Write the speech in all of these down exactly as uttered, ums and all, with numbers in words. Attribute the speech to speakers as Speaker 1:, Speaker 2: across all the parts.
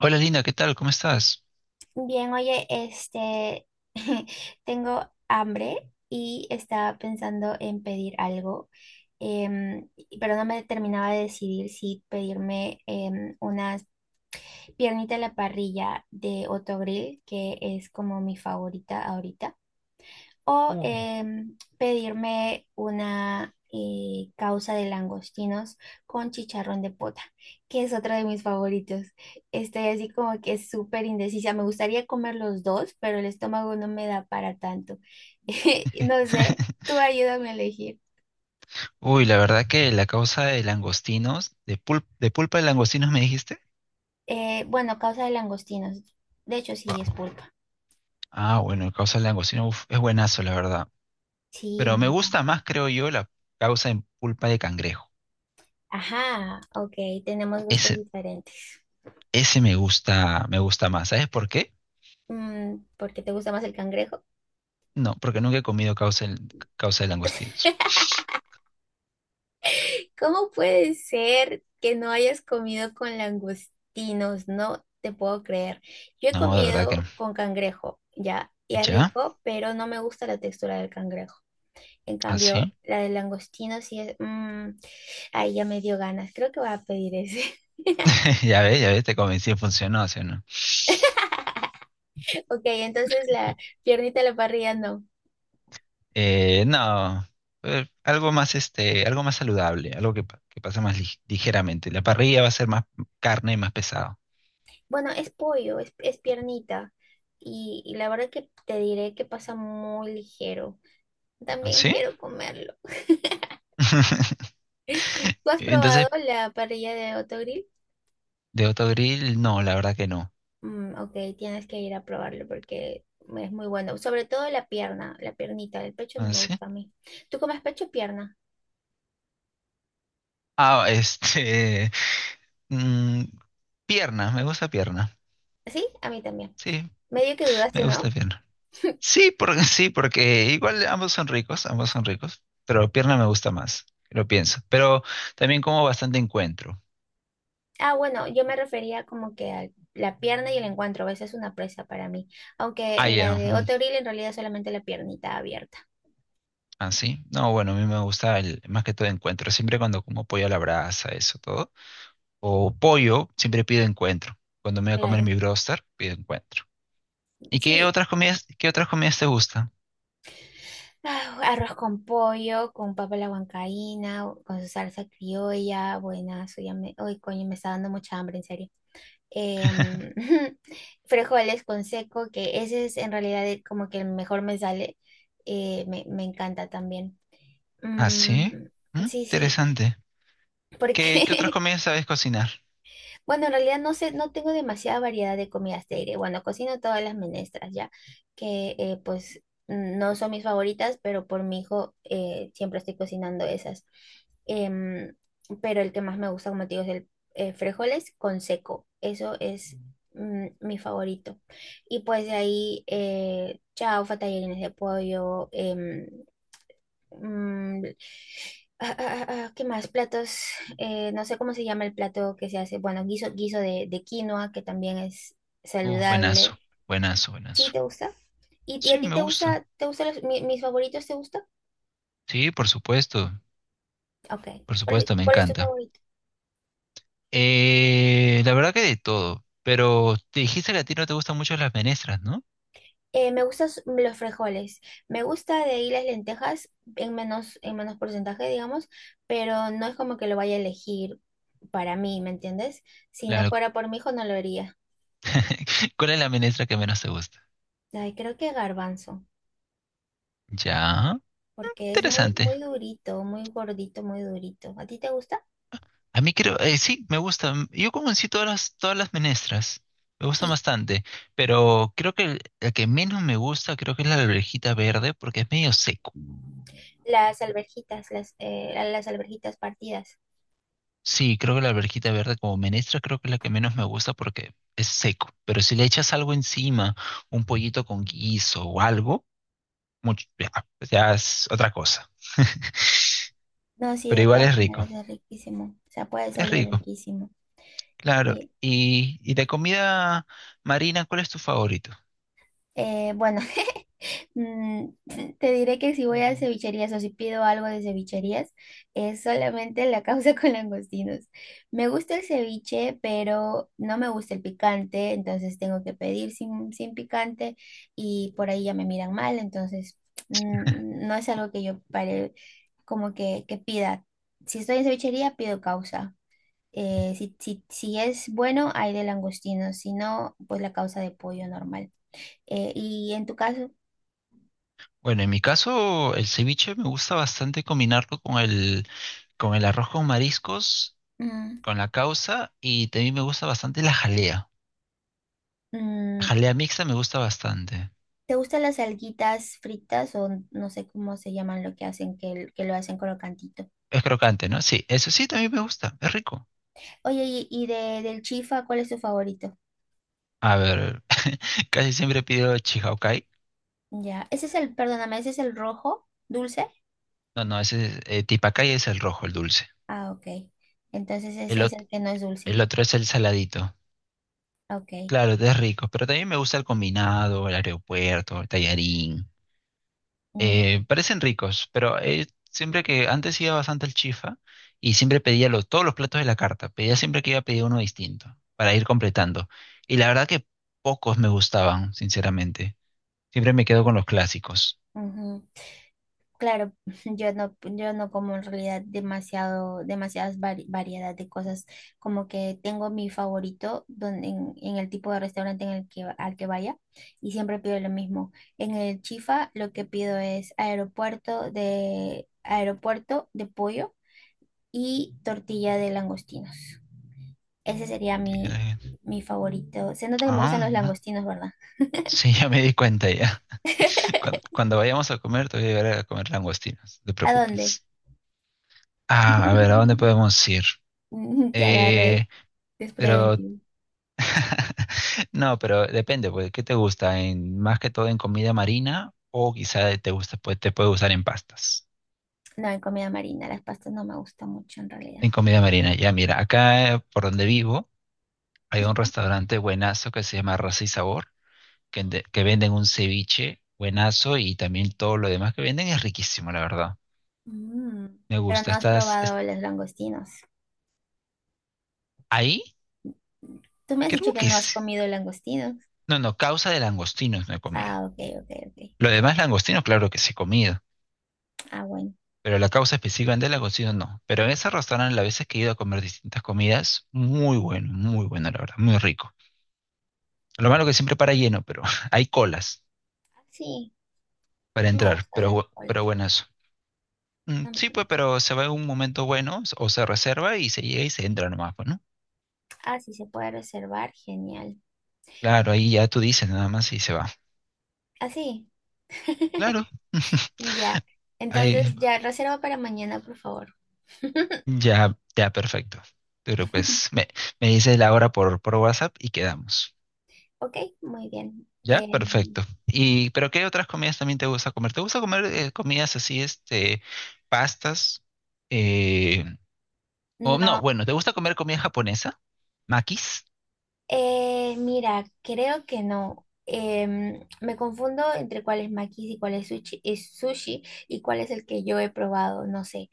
Speaker 1: Hola Linda, ¿qué tal? ¿Cómo estás?
Speaker 2: Bien, oye, este, tengo hambre y estaba pensando en pedir algo, em, pero no me terminaba de decidir si pedirme em, unas piernitas a la parrilla de Otto Grill, que es como mi favorita ahorita, o
Speaker 1: Uy.
Speaker 2: em, pedirme una eh, causa de langostinos con chicharrón de pota, que es otro de mis favoritos. Estoy así como que súper indecisa. Me gustaría comer los dos, pero el estómago no me da para tanto. No sé, tú ayúdame a elegir.
Speaker 1: Uy, la verdad que la causa de langostinos, de, pul- de pulpa de langostinos me dijiste.
Speaker 2: Eh, bueno, causa de langostinos. De hecho, sí, es
Speaker 1: Wow.
Speaker 2: pulpa.
Speaker 1: Ah, bueno, la causa de langostinos uf, es buenazo, la verdad.
Speaker 2: Sí,
Speaker 1: Pero
Speaker 2: me
Speaker 1: me gusta
Speaker 2: encanta.
Speaker 1: más, creo yo, la causa en pulpa de cangrejo.
Speaker 2: Ajá, ok, tenemos gustos
Speaker 1: Ese,
Speaker 2: diferentes.
Speaker 1: ese me gusta, me gusta más. ¿Sabes por qué?
Speaker 2: Mm, ¿por qué te gusta más el cangrejo?
Speaker 1: No, porque nunca he comido causa, en- causa de langostinos.
Speaker 2: ¿Cómo puede ser que no hayas comido con langostinos? No te puedo creer. Yo he
Speaker 1: No, de verdad que no.
Speaker 2: comido con cangrejo, ya, y es
Speaker 1: ¿Ya?
Speaker 2: rico, pero no me gusta la textura del cangrejo. En cambio,
Speaker 1: ¿Así?
Speaker 2: la del langostino sí es... mm, ay, ya me dio ganas. Creo que voy a pedir ese.
Speaker 1: Ya ves, ya ves, te convencí, funcionó, ¿sí o no?
Speaker 2: Ok, entonces la piernita a la parrilla no.
Speaker 1: Eh, no, eh, algo más este, algo más saludable, algo que, pa- que pasa más lig- ligeramente. La parrilla va a ser más carne y más pesado.
Speaker 2: Bueno, es pollo, es, es piernita. Y, y la verdad que te diré que pasa muy ligero.
Speaker 1: ¿Ah,
Speaker 2: También
Speaker 1: sí?
Speaker 2: quiero comerlo. ¿Tú has
Speaker 1: Entonces,
Speaker 2: probado la parrilla de Autogrill?
Speaker 1: de autogrill, no, la verdad que no.
Speaker 2: Mm, ok, tienes que ir a probarlo porque es muy bueno. Sobre todo la pierna, la piernita, el pecho no
Speaker 1: ¿Ah,
Speaker 2: me
Speaker 1: sí?
Speaker 2: gusta a mí. ¿Tú comes pecho o pierna?
Speaker 1: Ah, este, mm, pierna, me gusta pierna.
Speaker 2: ¿Sí? A mí también.
Speaker 1: Sí,
Speaker 2: Medio que
Speaker 1: me
Speaker 2: dudaste,
Speaker 1: gusta
Speaker 2: ¿no?
Speaker 1: pierna. Sí, porque sí, porque igual ambos son ricos, ambos son ricos, pero pierna me gusta más, lo pienso. Pero también como bastante encuentro.
Speaker 2: Ah, bueno, yo me refería como que a la pierna y el encuentro. A veces es una presa para mí. Aunque
Speaker 1: Ah,
Speaker 2: en la
Speaker 1: ya.
Speaker 2: de
Speaker 1: Mm.
Speaker 2: Autogrill en realidad es solamente la piernita abierta.
Speaker 1: Ah, sí. No, bueno, a mí me gusta el, más que todo encuentro. Siempre cuando como pollo a la brasa, eso todo. O pollo, siempre pido encuentro. Cuando me voy a comer
Speaker 2: Claro.
Speaker 1: mi broster, pido encuentro. ¿Y qué
Speaker 2: Sí,
Speaker 1: otras comidas, qué otras comidas te gustan?
Speaker 2: ah, arroz con pollo, con papa a la huancaína, con su salsa criolla, buenazo, ya me, uy, coño, me está dando mucha hambre, en serio. Em, frijoles con seco, que ese es en realidad el- como que el mejor me sale, eh, me, me encanta también.
Speaker 1: Ah, sí.
Speaker 2: Mm,
Speaker 1: Mm,
Speaker 2: sí, sí,
Speaker 1: interesante. ¿Qué, qué otras
Speaker 2: porque
Speaker 1: comidas sabes cocinar?
Speaker 2: Bueno, en realidad no sé, no tengo demasiada variedad de comidas de aire. Bueno, cocino todas las menestras ya, que eh, pues mm, no son mis favoritas, pero por mi hijo eh, siempre estoy cocinando esas. Em, pero el que más me gusta, como te digo, es el eh, frijoles con seco. Eso es mm, mi favorito. Y pues de ahí, eh, chaufa, tallarines de pollo, em, mm, ah, ah, ah, ah, ¿qué más? Platos, eh, no sé cómo se llama el plato que se hace. Bueno, guiso, guiso de, de quinoa, que también es
Speaker 1: Uh, buenazo,
Speaker 2: saludable.
Speaker 1: buenazo,
Speaker 2: ¿Sí
Speaker 1: buenazo.
Speaker 2: te gusta? ¿Y, y
Speaker 1: Sí,
Speaker 2: a ti
Speaker 1: me
Speaker 2: te
Speaker 1: gusta.
Speaker 2: gusta, te gustan los- mi- mis favoritos, te gusta?
Speaker 1: Sí, por supuesto,
Speaker 2: Ok.
Speaker 1: por
Speaker 2: ¿Cuál, es
Speaker 1: supuesto, me
Speaker 2: cuál es tu
Speaker 1: encanta.
Speaker 2: favorito?
Speaker 1: Eh, la verdad que de todo. Pero te dijiste que a ti no te gustan mucho las menestras, ¿no?
Speaker 2: Eh, me gustan s- los frijoles. Me gusta de ahí las lentejas en menos, en menos porcentaje, digamos, pero no es como que lo vaya a elegir para mí, ¿me entiendes? Si no
Speaker 1: La-
Speaker 2: fuera por mi hijo, no lo haría.
Speaker 1: ¿Cuál es la ministra que menos te gusta?
Speaker 2: Ay, creo que garbanzo.
Speaker 1: Ya,
Speaker 2: Porque es muy,
Speaker 1: interesante.
Speaker 2: muy durito, muy gordito, muy durito. ¿A ti te gusta?
Speaker 1: A mí creo, eh, sí, me gusta. Yo como en sí todas las, todas las menestras. Me gustan
Speaker 2: Y
Speaker 1: bastante. Pero creo que el- la que menos me gusta creo que es la alverjita verde porque es medio seco.
Speaker 2: las alverjitas, las, eh, las alverjitas partidas.
Speaker 1: Sí, creo que la alverjita verde como menestra creo que es la que menos me gusta porque es seco. Pero si le echas algo encima, un pollito con guiso o algo, mucho, ya, ya es otra cosa.
Speaker 2: No, sí,
Speaker 1: Pero
Speaker 2: de
Speaker 1: igual
Speaker 2: todas
Speaker 1: es rico.
Speaker 2: maneras es riquísimo. O sea, puede
Speaker 1: Es
Speaker 2: salir
Speaker 1: rico.
Speaker 2: riquísimo.
Speaker 1: Claro,
Speaker 2: Y
Speaker 1: y, y de comida marina, ¿cuál es tu favorito?
Speaker 2: eh, bueno. Mm, eh, te diré que si voy a cevicherías o si pido algo de cevicherías, es solamente la causa con langostinos. Me gusta el ceviche, pero no me gusta el picante, entonces tengo que pedir sin, sin picante y por ahí ya me miran mal, entonces mm, no es algo que yo pare, como que, que pida. Si estoy en cevichería, pido causa. Eh, si, si, si es bueno, hay de langostinos, si no, pues la causa de pollo normal. Eh, y en tu caso...
Speaker 1: Bueno, en mi caso, el ceviche me gusta bastante combinarlo con el, con el arroz con mariscos,
Speaker 2: mm,
Speaker 1: con la causa, y también me gusta bastante la jalea. La
Speaker 2: mm,
Speaker 1: jalea mixta me gusta bastante.
Speaker 2: ¿te gustan las alguitas fritas o no sé cómo se llaman lo que hacen, que, que lo hacen crocantito?
Speaker 1: Es crocante, ¿no? Sí, eso sí, también me gusta, es rico.
Speaker 2: Oye, y, y de, del chifa, ¿cuál es tu favorito?
Speaker 1: A ver, casi siempre pido chihaucay.
Speaker 2: Ya, ese es el, perdóname, ese es el rojo, dulce.
Speaker 1: No, no, ese es, eh, tipacay es el rojo, el dulce.
Speaker 2: Ah, ok. Entonces
Speaker 1: El,
Speaker 2: ese es
Speaker 1: ot-
Speaker 2: el que no es
Speaker 1: el
Speaker 2: dulce.
Speaker 1: otro es el saladito.
Speaker 2: Ok.
Speaker 1: Claro, es rico, pero también me gusta el combinado, el aeropuerto, el tallarín.
Speaker 2: Mm,
Speaker 1: Eh, parecen ricos, pero eh, siempre que antes iba bastante al Chifa y siempre pedía lo- todos los platos de la carta, pedía siempre que iba a pedir uno distinto para ir completando. Y la verdad que pocos me gustaban, sinceramente. Siempre me quedo con los clásicos.
Speaker 2: ujú. Claro, yo no, yo no como en realidad demasiado, demasiadas vari- variedad de cosas. Como que tengo mi favorito donde, en, en el tipo de restaurante en el que, al que vaya y siempre pido lo mismo. En el Chifa lo que pido es aeropuerto de, aeropuerto de pollo y tortilla de langostinos. Ese sería mi,
Speaker 1: Tiene-
Speaker 2: mi favorito. Se nota que me gustan
Speaker 1: Ah, ah,
Speaker 2: los
Speaker 1: no,
Speaker 2: langostinos, ¿verdad?
Speaker 1: sí, ya me di cuenta ya. Cuando, cuando vayamos a comer, te voy a llevar a comer langostinos, no te
Speaker 2: ¿A dónde?
Speaker 1: preocupes. Ah, a ver, ¿a dónde podemos ir?
Speaker 2: Te agarré
Speaker 1: Eh, pero
Speaker 2: desprevenido.
Speaker 1: no, pero depende, pues, ¿qué te gusta? En, más que todo en comida marina o quizá te gusta, pues, te puede usar en pastas.
Speaker 2: No, en comida marina, las pastas no me gustan mucho en realidad.
Speaker 1: En comida marina, ya mira, acá eh, por donde vivo hay un
Speaker 2: ¿Ya?
Speaker 1: restaurante buenazo que se llama Raza y Sabor, que, de- que venden un ceviche buenazo y también todo lo demás que venden es riquísimo, la verdad.
Speaker 2: Mm.
Speaker 1: Me
Speaker 2: Pero
Speaker 1: gusta.
Speaker 2: no has
Speaker 1: ¿Estás es-
Speaker 2: probado los langostinos.
Speaker 1: ahí?
Speaker 2: Tú me has
Speaker 1: Creo
Speaker 2: dicho que
Speaker 1: que
Speaker 2: no has
Speaker 1: sí.
Speaker 2: comido langostinos.
Speaker 1: No, no, causa de langostinos no he comido.
Speaker 2: Ah, ok, ok, ok.
Speaker 1: Lo demás langostinos, claro que sí he comido.
Speaker 2: Ah, bueno.
Speaker 1: Pero la causa específicamente la consigo no. Pero en ese restaurante, las veces que he ido a comer distintas comidas, muy bueno, muy bueno, la verdad, muy rico. Lo malo que siempre para lleno, pero hay colas
Speaker 2: Ah, sí,
Speaker 1: para
Speaker 2: no me
Speaker 1: entrar,
Speaker 2: gustan
Speaker 1: pero,
Speaker 2: las
Speaker 1: bu-
Speaker 2: colas.
Speaker 1: pero buenas. Mm,
Speaker 2: No
Speaker 1: sí,
Speaker 2: me-
Speaker 1: pues, pero se va en un momento bueno, s- o se reserva y se llega y se entra nomás, pues, ¿no?
Speaker 2: Ah, sí, se puede reservar. Genial.
Speaker 1: Claro, ahí ya tú dices nada más y se va.
Speaker 2: Ah, sí.
Speaker 1: Claro,
Speaker 2: Ya.
Speaker 1: ahí
Speaker 2: Entonces, ya, reserva para mañana, por favor.
Speaker 1: ya, ya, perfecto. Pero pues me, me dices la hora por, por WhatsApp y quedamos.
Speaker 2: Ok, muy bien.
Speaker 1: Ya,
Speaker 2: Em,
Speaker 1: perfecto. Y, pero ¿qué otras comidas también te gusta comer? ¿Te gusta comer eh, comidas así, este, pastas? Eh, o no,
Speaker 2: no.
Speaker 1: bueno, ¿te gusta comer comida japonesa? ¿Makis?
Speaker 2: Eh, mira, creo que no. Em, me confundo entre cuál es Makis y cuál es sushi, es sushi y cuál es el que yo he probado, no sé.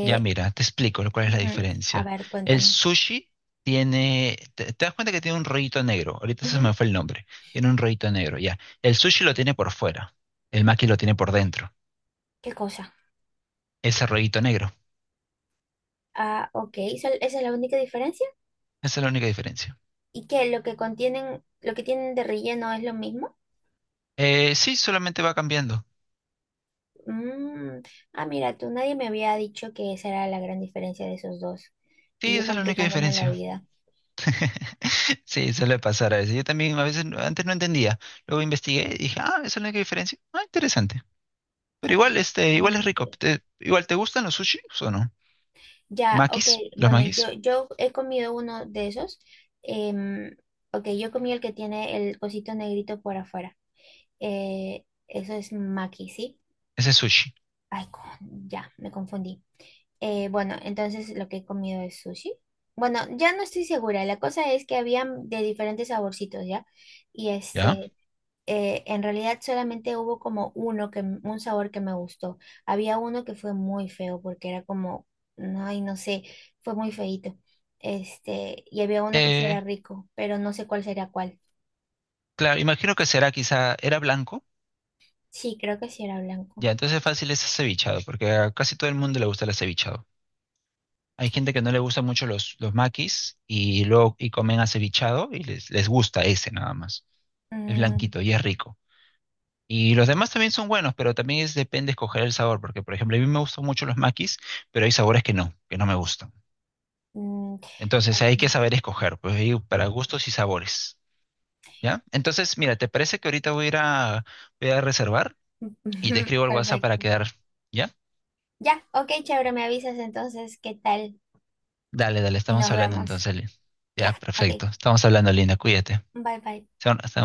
Speaker 1: Ya mira, te explico lo- cuál es la
Speaker 2: ujú, a
Speaker 1: diferencia.
Speaker 2: ver,
Speaker 1: El
Speaker 2: cuéntame.
Speaker 1: sushi tiene, te, te das cuenta que tiene un rollito negro. Ahorita se
Speaker 2: Ujú,
Speaker 1: me fue el nombre. Tiene un rollito negro, ya. El sushi lo tiene por fuera. El maki lo tiene por dentro.
Speaker 2: ¿qué cosa?
Speaker 1: Ese rollito negro.
Speaker 2: Ah, ok, ¿esa esa es la única diferencia?
Speaker 1: Esa es la única diferencia.
Speaker 2: ¿Y qué? ¿Lo que contienen, lo que tienen de relleno es lo mismo?
Speaker 1: Eh, sí, solamente va cambiando.
Speaker 2: Mm, ah, mira, tú nadie me había dicho que esa era la gran diferencia de esos dos.
Speaker 1: Sí,
Speaker 2: Y yo
Speaker 1: esa es la única
Speaker 2: complicándome la
Speaker 1: diferencia.
Speaker 2: vida.
Speaker 1: Sí, suele pasar a veces. Yo también a veces no- antes no entendía. Luego investigué y dije, ah, esa es la única diferencia. Ah, interesante. Pero
Speaker 2: Ok,
Speaker 1: igual, este,
Speaker 2: ya no
Speaker 1: igual es rico.
Speaker 2: investigué.
Speaker 1: Te- igual, ¿te gustan los sushis o no?
Speaker 2: Ya, ok,
Speaker 1: Makis, los
Speaker 2: bueno, yo,
Speaker 1: makis,
Speaker 2: yo he comido uno de esos. em, ok, yo comí el que tiene el cosito negrito por afuera. Eh, eso es maki, ¿sí?
Speaker 1: ese es sushi,
Speaker 2: Ay, con- ya, me confundí. Eh, bueno, entonces lo que he comido es sushi. Bueno, ya no estoy segura. La cosa es que había de diferentes saborcitos, ¿ya? Y
Speaker 1: ¿ya?
Speaker 2: este, eh, en realidad solamente hubo como uno que, m- un sabor que me gustó. Había uno que fue muy feo porque era como, no, ay, no sé, fue muy feíto. Este, y había uno que sí era
Speaker 1: Eh,
Speaker 2: rico, pero no sé cuál sería cuál.
Speaker 1: claro, imagino que será quizá, era blanco,
Speaker 2: Sí, creo que sí era blanco.
Speaker 1: ya, entonces fácil es cevichado, porque a casi todo el mundo le gusta el acevichado. Hay gente que no le gusta mucho los, los makis y luego y comen acevichado y les, les gusta ese nada más. Es
Speaker 2: Mm,
Speaker 1: blanquito y es rico. Y los demás también son buenos, pero también es, depende escoger el sabor, porque por ejemplo, a mí me gustan mucho los maquis, pero hay sabores que no, que no me gustan.
Speaker 2: mm,
Speaker 1: Entonces
Speaker 2: ok.
Speaker 1: hay que saber escoger, pues ahí para gustos y sabores, ¿ya? Entonces, mira, ¿te parece que ahorita voy a ir a, voy a reservar y te escribo al WhatsApp para
Speaker 2: Perfecto.
Speaker 1: quedar, ¿ya?
Speaker 2: Ya, ok, chévere, me avisas entonces qué tal
Speaker 1: Dale, dale,
Speaker 2: y
Speaker 1: estamos
Speaker 2: nos
Speaker 1: hablando
Speaker 2: vemos.
Speaker 1: entonces, Lin.
Speaker 2: Ya,
Speaker 1: Ya,
Speaker 2: ok.
Speaker 1: perfecto. Estamos hablando, Linda, cuídate.
Speaker 2: Bye bye.
Speaker 1: Se-